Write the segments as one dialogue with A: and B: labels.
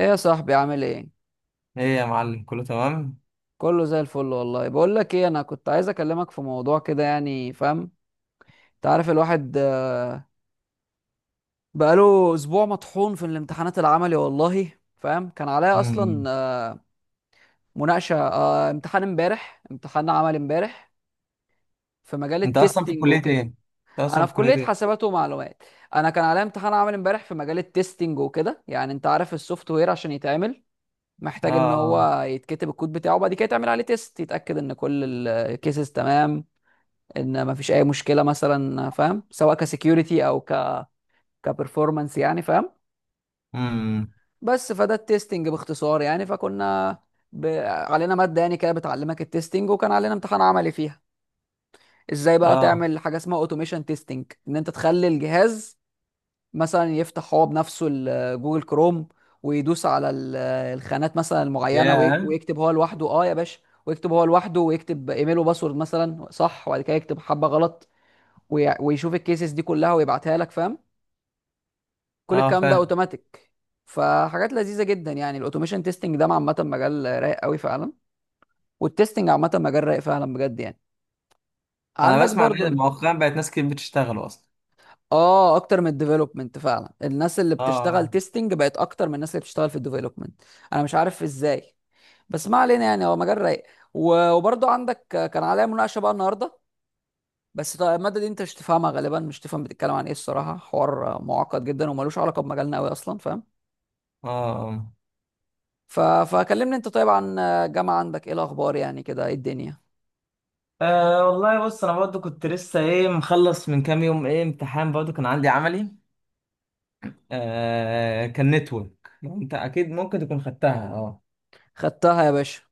A: ايه يا صاحبي عامل ايه؟
B: ايه يا معلم، كله تمام.
A: كله زي الفل والله. بقول لك ايه، انا كنت عايز اكلمك في موضوع كده يعني، فاهم؟ انت عارف الواحد بقاله اسبوع مطحون في الامتحانات العملي والله، فاهم كان عليا اصلا
B: امم.
A: مناقشه امتحان امبارح، امتحان عملي امبارح في مجال التستنج وكده.
B: انت اصلا
A: انا
B: في
A: في
B: كلية
A: كليه
B: ايه؟
A: حاسبات ومعلومات. انا كان عليا امتحان عملي امبارح في مجال التستنج وكده، يعني انت عارف السوفت وير عشان يتعمل محتاج ان
B: اه.
A: هو يتكتب الكود بتاعه، وبعد كده يتعمل عليه تيست يتاكد ان كل الكيسز تمام، ان ما فيش اي مشكله مثلا، فاهم؟ سواء كسكيورتي او كبرفورمانس يعني، فاهم.
B: امم.
A: بس فده التستنج باختصار يعني. فكنا علينا ماده يعني كده بتعلمك التستنج، وكان علينا امتحان عملي فيها. ازاي بقى
B: اه.
A: تعمل حاجه اسمها اوتوميشن تيستنج، ان انت تخلي الجهاز مثلا يفتح هو بنفسه جوجل كروم، ويدوس على الخانات مثلا المعينه
B: ياه.
A: ويكتب هو لوحده. اه يا باشا، ويكتب هو لوحده، ويكتب ايميل وباسورد مثلا، صح؟ وبعد كده يكتب حبه غلط ويشوف الكيسز دي كلها ويبعتها لك، فاهم. كل
B: اه،
A: الكلام ده
B: فاهم.
A: اوتوماتيك. فحاجات لذيذه جدا يعني، الاوتوميشن تيستنج ده عامه مجال رايق قوي فعلا. والتيستنج عامه مجال رايق فعلا بجد يعني.
B: انا
A: عندك
B: بسمع
A: برضو
B: ان مؤخرا بقت ناس كتير بتشتغل اصلا.
A: اه، اكتر من الديفلوبمنت فعلا، الناس اللي بتشتغل
B: اه.
A: تيستنج بقت اكتر من الناس اللي بتشتغل في الديفلوبمنت. انا مش عارف ازاي. بس ما علينا يعني، هو مجال رايق. وبرضو عندك، كان عليا مناقشه بقى النهارده. بس طيب الماده دي انت مش تفهمها غالبا، مش تفهم بتتكلم عن ايه الصراحه، حوار معقد جدا وملوش علاقه بمجالنا قوي اصلا، فاهم.
B: اه. اه.
A: فكلمني انت طيب عن الجامعة، عندك ايه الاخبار يعني كده؟ ايه الدنيا؟
B: والله بص، انا برضو كنت لسه ايه مخلص من كام يوم، ايه امتحان برضو كان عندي عملي. كان نتورك، انت اكيد ممكن تكون خدتها. اه.
A: خدتها يا باشا.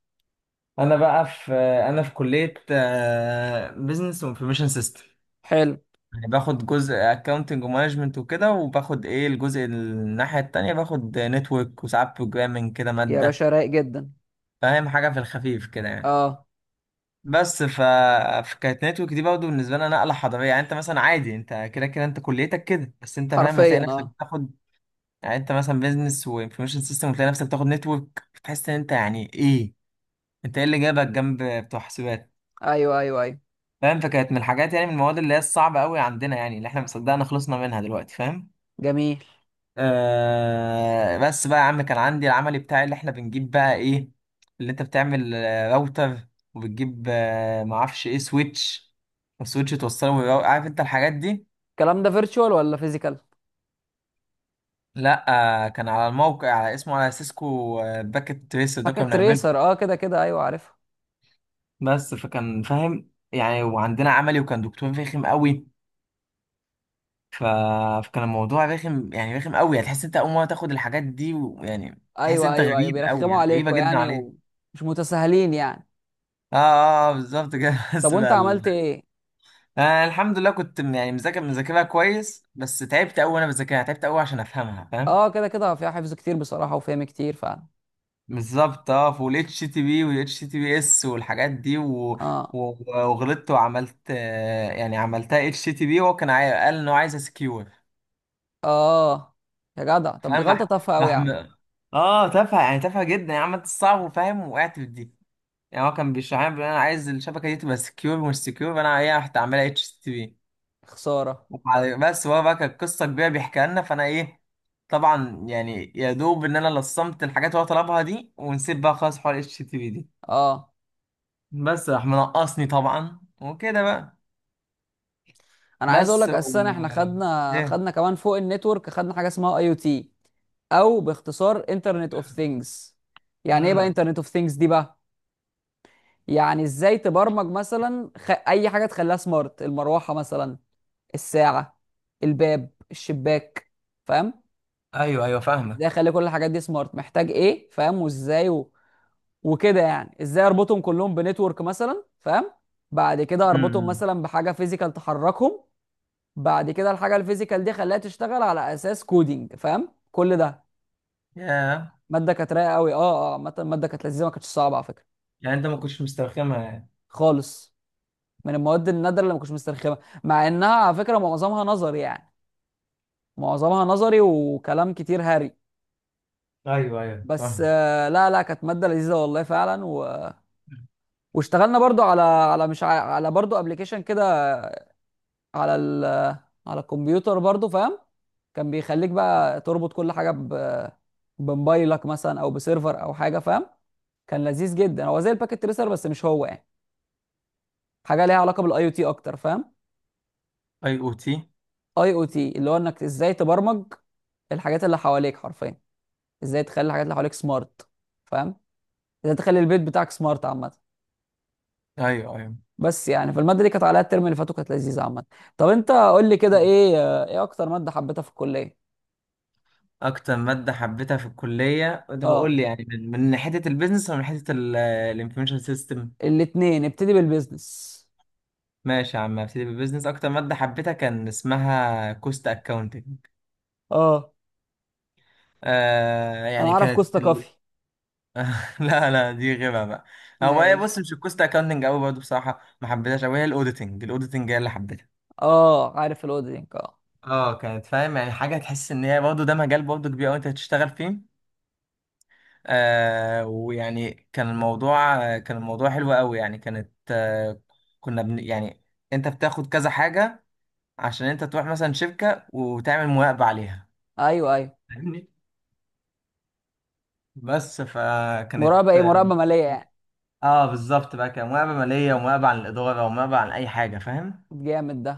B: انا بقى في انا في كلية بزنس وانفورميشن سيستم.
A: حلو.
B: يعني باخد جزء اكاونتنج ومانجمنت وكده، وباخد ايه الجزء الناحية التانية، باخد نتورك وساعات بروجرامنج كده
A: يا
B: مادة.
A: باشا رايق جدا.
B: فاهم، حاجة في الخفيف كده يعني.
A: اه
B: بس ف... فكانت نتورك دي برضه بالنسبة لنا نقلة حضارية. يعني انت مثلا عادي، انت كده كده انت كليتك كده، بس انت فاهم هتلاقي
A: حرفيا.
B: نفسك
A: اه،
B: بتاخد. يعني انت مثلا بيزنس وانفورميشن سيستم، وتلاقي نفسك بتاخد نتورك، بتحس ان انت يعني ايه، انت ايه اللي جابك جنب بتوع حسابات؟
A: ايوه ايوه ايوه.
B: فاهم. فكانت من الحاجات، يعني من المواد اللي هي الصعبة قوي عندنا، يعني اللي احنا مصدقنا خلصنا منها دلوقتي، فاهم.
A: جميل.
B: آه، بس بقى يا عم كان عندي العملي بتاعي، اللي احنا بنجيب بقى ايه، اللي انت بتعمل راوتر، وبتجيب معرفش ايه سويتش، وسويتش توصله عارف انت الحاجات دي.
A: الكلام ده فيرتشوال ولا فيزيكال؟
B: لا. آه، كان على الموقع على اسمه على سيسكو، باكت تريسر ده كنا
A: باكيت
B: بنعمله.
A: ريسر، اه كده كده، ايوه عارفها.
B: بس فكان فاهم يعني، وعندنا عملي وكان دكتور رخم قوي. ف... فكان الموضوع رخم، يعني رخم قوي، هتحس انت اول مره تاخد الحاجات دي، ويعني تحس
A: ايوه
B: انت
A: ايوه ايوه،
B: غريب قوي،
A: بيرخموا
B: يعني غريبه
A: عليكوا
B: جدا.
A: يعني، ومش متساهلين يعني.
B: اه اه، بالظبط كده.
A: طب وانت عملت ايه؟
B: انا الحمد لله كنت يعني مذاكرها كويس، بس تعبت قوي وانا بذاكرها، تعبت قوي عشان افهمها، فاهم.
A: اه كده كده، فيها حفظ كتير بصراحة وفهم كتير فعلا.
B: بالظبط اه، في الاتش تي بي والاتش تي بي اس والحاجات دي و...
A: اه
B: وغلطت وعملت، يعني عملتها اتش تي بي، وهو كان قال انه عايز سكيور.
A: اه، يا جدع طب دي
B: فاهم.
A: غلطة تافهة قوي يا
B: مح...
A: عم.
B: اه تافهه، يعني تافهه جدا، يعني عملت الصعب وفاهم، وقعت في دي. يعني هو كان بيشرح لي بيقول انا عايز الشبكه دي تبقى سكيور مش سكيور، فانا ايه رحت اعملها اتش تي بي.
A: خسارة.
B: بس هو بقى كانت قصه كبيره بيحكيها لنا، فانا ايه، طبعا يعني يا دوب ان انا لصمت الحاجات اللي هو طلبها دي، ونسيت بقى خلاص حوار اتش تي في دي.
A: اه،
B: بس راح منقصني طبعا وكده بقى.
A: انا عايز اقول
B: بس
A: لك
B: و...
A: اساسا، احنا خدنا
B: ايه.
A: خدنا كمان فوق النتورك خدنا حاجه اسمها اي او تي. او باختصار انترنت اوف ثينجز. يعني ايه بقى
B: امم.
A: انترنت اوف ثينجز دي بقى؟ يعني ازاي تبرمج مثلا اي حاجه تخليها سمارت، المروحه مثلا، الساعه، الباب، الشباك، فاهم.
B: ايوه ايوه،
A: ازاي
B: فاهمك.
A: اخلي كل الحاجات دي سمارت، محتاج ايه فاهم، وازاي وكده يعني، ازاي اربطهم كلهم بنتورك مثلا، فاهم. بعد كده اربطهم
B: امم.
A: مثلا بحاجه فيزيكال تحركهم. بعد كده الحاجه الفيزيكال دي خلاها تشتغل على اساس كودينج، فاهم كل ده.
B: ياه.
A: ماده كانت رايقه قوي. اه اه، عامه الماده كانت لذيذه، ما كانتش صعبه على فكره.
B: يعني انت ما كنتش مسترخمها يعني.
A: خالص. من المواد النادره اللي ما كنتش مسترخمه، مع انها على فكره معظمها نظري يعني. معظمها نظري وكلام كتير هري.
B: ايوه ايوه،
A: بس
B: فاهم.
A: لا لا، كانت ماده لذيذه والله فعلا، واشتغلنا برضو على على مش ع... على برضو ابلكيشن كده، على على الكمبيوتر برضو، فاهم. كان بيخليك بقى تربط كل حاجه بموبايلك مثلا، او بسيرفر او حاجه، فاهم. كان لذيذ جدا، هو زي الباكيت تريسر بس مش هو يعني، حاجه ليها علاقه بالاي او تي اكتر، فاهم.
B: اي او تي.
A: اي او تي اللي هو انك ازاي تبرمج الحاجات اللي حواليك حرفيا، ازاي تخلي الحاجات اللي حواليك سمارت، فاهم؟ ازاي تخلي البيت بتاعك سمارت عامه.
B: ايوه ايوه.
A: بس يعني، فالماده دي كانت عليها الترم اللي فاتوا كانت لذيذه عامه. طب انت قول لي كده
B: مم.
A: ايه، ايه اكتر ماده حبيتها في الكليه؟
B: اكتر ماده حبيتها في الكليه؟ انت بقول
A: اه،
B: لي يعني من من ناحيه البيزنس، ولا من ناحيه الانفورميشن سيستم.
A: الاتنين، ابتدي بالبيزنس.
B: ماشي يا عم، ابتدي بالبيزنس. اكتر ماده حبيتها كان اسمها كوست اكاونتنج.
A: اه،
B: آه
A: انا
B: يعني
A: اعرف
B: كانت
A: كوستا كافي.
B: ال... لا لا، دي غيبه بقى. هو هي
A: ماشي.
B: بص، مش الكوست اكاونتنج قوي برضه بصراحه، ما حبيتهاش قوي. هي الاوديتنج، الاوديتنج هي اللي حبيتها.
A: اه عارف الاودينك، اه.
B: اه، كانت فاهم يعني، حاجه تحس ان هي برضه ده مجال برضه كبير قوي انت هتشتغل فيه. آه، ويعني كان الموضوع، كان الموضوع حلو قوي يعني. كانت آه، يعني انت بتاخد كذا حاجه عشان انت تروح مثلا شركه وتعمل مراقبه عليها.
A: ايوه ايوه،
B: بس فكانت،
A: مراقبه ايه، مراقبه ماليه يعني؟
B: اه بالظبط بقى، كان مقابلة مالية، ومقابلة عن الإدارة، ومقابلة عن أي حاجة، فاهم.
A: جامد ده.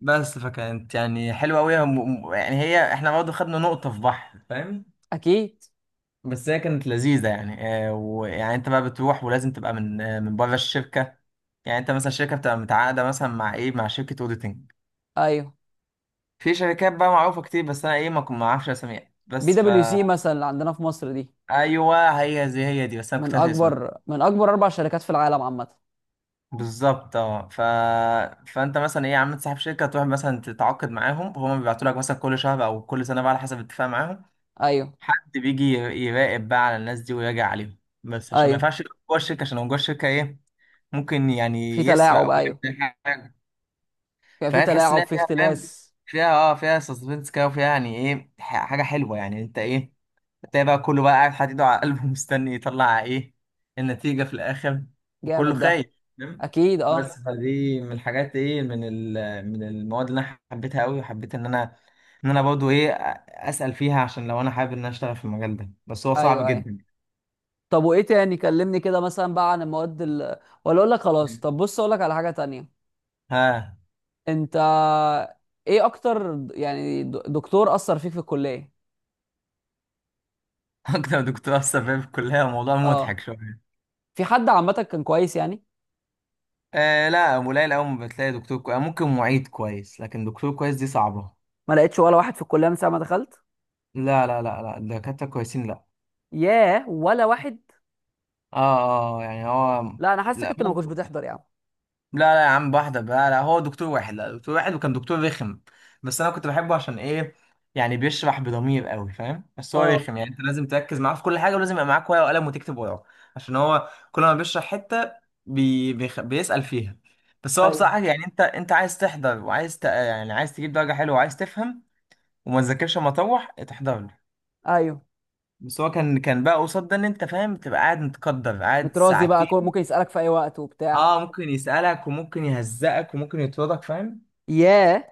B: بس فكانت يعني حلوة أوي، يعني هي احنا برضه خدنا نقطة في بحر، فاهم.
A: اكيد.
B: بس هي كانت لذيذة يعني. آه، ويعني أنت بقى بتروح، ولازم تبقى من من بره الشركة. يعني أنت مثلا الشركة بتبقى متعاقدة مثلا مع إيه، مع شركة أوديتنج.
A: ايوه.
B: في شركات بقى معروفة كتير، بس أنا إيه ما أعرفش أساميها.
A: بي
B: بس
A: دبليو
B: فا،
A: سي مثلا اللي عندنا في مصر دي،
B: أيوه هي زي هي دي، بس أنا
A: من
B: كنت هسأل اسمها.
A: اكبر من اكبر اربع شركات في العالم عامه.
B: بالظبط اه، فانت مثلا ايه يا عم، صاحب شركه تروح مثلا تتعاقد معاهم، هما بيبعتوا لك مثلا كل شهر او كل سنه بقى على حسب الاتفاق معاهم.
A: ايوه
B: حد بيجي يراقب بقى على الناس دي، ويراجع عليهم. بس عشان ما
A: ايوه،
B: ينفعش يبقى جوه الشركه، عشان لو جوه الشركه ايه، ممكن
A: في
B: يعني يسرق،
A: تلاعب.
B: او
A: ايوه،
B: يعمل حاجه.
A: كان في
B: فهي تحس ان
A: تلاعب،
B: هي
A: في
B: فيها، فاهم،
A: اختلاس.
B: فيها اه، فيها سسبنس كده، وفيها يعني ايه حاجه حلوه، يعني انت ايه، تلاقي بقى كله بقى قاعد حاطط ايده على قلبه، مستني يطلع ايه النتيجه في الاخر. وكله
A: جامد ده.
B: خايف، فاهم.
A: اكيد. اه،
B: بس فدي من الحاجات ايه، من من المواد اللي انا حبيتها قوي، وحبيت ان انا، ان انا برضه ايه، اسال فيها عشان لو انا حابب ان انا اشتغل في المجال ده، بس هو صعب
A: ايوه ايوه.
B: جدا.
A: طب وايه تاني، كلمني كده مثلا بقى عن المواد ولا اقول لك خلاص، طب بص اقول لك على حاجه تانية.
B: ها.
A: انت، ايه اكتر دكتور اثر فيك في الكليه؟
B: اكتر دكتور اثر فيا في الكليه موضوع مضحك
A: اه،
B: شويه.
A: في حد عامه كان كويس يعني؟
B: آه لا، قليل قوي ما بتلاقي دكتور كويس، ممكن معيد كويس، لكن دكتور كويس دي صعبة.
A: ما لقيتش ولا واحد في الكليه من ساعه ما دخلت.
B: لا لا لا لا، الدكاترة كويسين، لا.
A: ياه، ولا واحد.
B: اه اه، يعني هو.
A: لا، انا حاسسك
B: لا
A: انت اللي ما كنتش
B: ممكن.
A: بتحضر يا عم.
B: لا لا يا عم، واحدة، لا لا، هو دكتور واحد، لا دكتور واحد وكان دكتور رخم. بس انا كنت بحبه عشان ايه، يعني بيشرح بضمير قوي، فاهم. بس هو
A: اه،
B: رخم، يعني انت لازم تركز معاه في كل حاجة، ولازم يبقى معاك ورقة وقلم، وتكتب وراه. عشان هو كل ما بيشرح حتة، بيسأل فيها. بس هو
A: ايوه
B: بصراحة يعني، انت عايز تحضر، وعايز يعني عايز تجيب درجة حلوة، وعايز تفهم. وما تذاكرش اما اطوح تحضر لي.
A: ايوه،
B: بس هو كان، كان بقى قصاد ده ان انت فاهم تبقى قاعد متقدر، قاعد
A: متراضي بقى،
B: ساعتين.
A: ممكن يسألك في اي وقت وبتاع.
B: اه، ممكن يسألك، وممكن يهزقك، وممكن يطردك، فاهم.
A: ياه.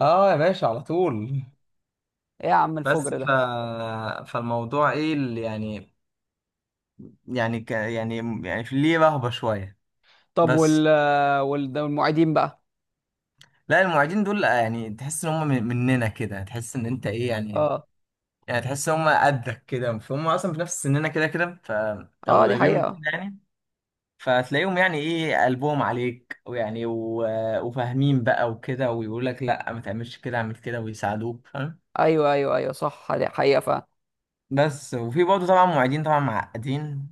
B: اه يا باشا، على طول.
A: ايه يا عم
B: بس
A: الفجر
B: ف...
A: ده.
B: فالموضوع ايه اللي يعني، يعني، يعني في ليه رهبة شوية.
A: طب، وال
B: بس.
A: وال- ده والمعيدين بقى.
B: لا المعيدين دول يعني تحس ان هم مننا كده، تحس ان انت ايه يعني،
A: اه
B: يعني تحس ان هم قدك كده، فهم اصلا في نفس سننا كده كده ف، او
A: اه، دي
B: قريبين مننا
A: حقيقة.
B: يعني. فتلاقيهم يعني ايه، قلبهم عليك، ويعني وفاهمين بقى وكده، ويقول لك لا ما تعملش كده، اعمل كده، ويساعدوك، فاهم.
A: ايوه ايوه ايوه، صح، دي حقيقة فعلا.
B: بس، وفي برضه طبعا معيدين، طبعا معقدين.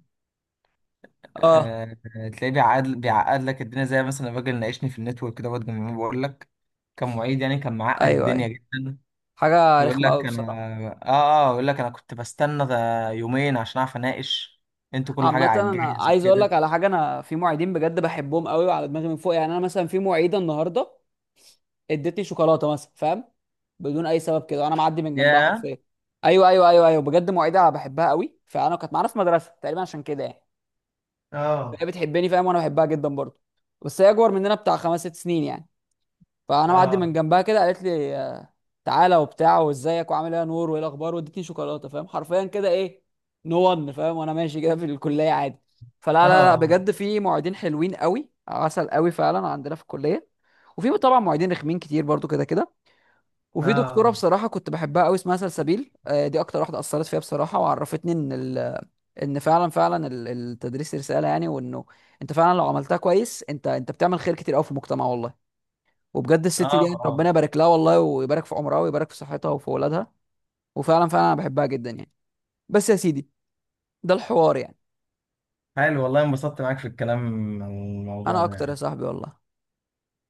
A: اه،
B: أه تلاقيه بيعقد، بيعقد لك الدنيا، زي مثلا الراجل ناقشني في النتورك ده برضه من يومين، بقول لك كان معيد، يعني كان معقد
A: ايوه
B: الدنيا
A: ايوه،
B: جدا.
A: حاجة
B: ويقول
A: رخمة قوي
B: لك
A: بصراحة.
B: انا، اه اه يقول لك انا كنت بستنى ده يومين عشان اعرف اناقش، انتوا كل حاجه
A: عامة،
B: على
A: انا
B: الجاهز
A: عايز اقول
B: وكده.
A: لك على حاجة. انا في معيدين بجد بحبهم قوي وعلى دماغي من فوق يعني. انا مثلا في معيدة النهاردة ادتني شوكولاته مثلا، فاهم؟ بدون اي سبب كده، انا معدي من جنبها
B: يا.
A: حرفيا. ايوه ايوه ايوه ايوه، بجد مواعيدها بحبها قوي. فانا، كانت معانا في مدرسه تقريبا عشان كده يعني.
B: اه
A: فهي بتحبني فاهم، وانا بحبها جدا برضه. بس هي اكبر مننا بتاع 5 6 سنين يعني. فانا معدي
B: اه
A: من جنبها كده، قالت لي تعالى وبتاع، وازيك وعامل ايه يا نور وايه الاخبار، وادتني شوكولاته، فاهم، حرفيا كده. ايه نو ون، فاهم؟ وانا ماشي كده في الكليه عادي. فلا لا لا،
B: اه
A: بجد في معيدين حلوين قوي، عسل قوي فعلا عندنا في الكليه. وفي طبعا معيدين رخمين كتير برضو كده كده. وفي دكتوره
B: اه
A: بصراحه كنت بحبها قوي، اسمها سلسبيل دي اكتر واحده اثرت فيها بصراحه. وعرفتني ان ان فعلا فعلا التدريس رساله يعني، وانه انت فعلا لو عملتها كويس، انت بتعمل خير كتير قوي في المجتمع والله. وبجد الست
B: اه
A: دي يعني، ربنا
B: اه.
A: يبارك لها والله، ويبارك في عمرها ويبارك في صحتها وفي اولادها. وفعلا فعلا انا بحبها جدا يعني. بس يا سيدي، ده الحوار يعني.
B: حلو والله، انبسطت معاك في الكلام عن الموضوع
A: انا
B: ده
A: اكتر يا
B: يعني.
A: صاحبي والله.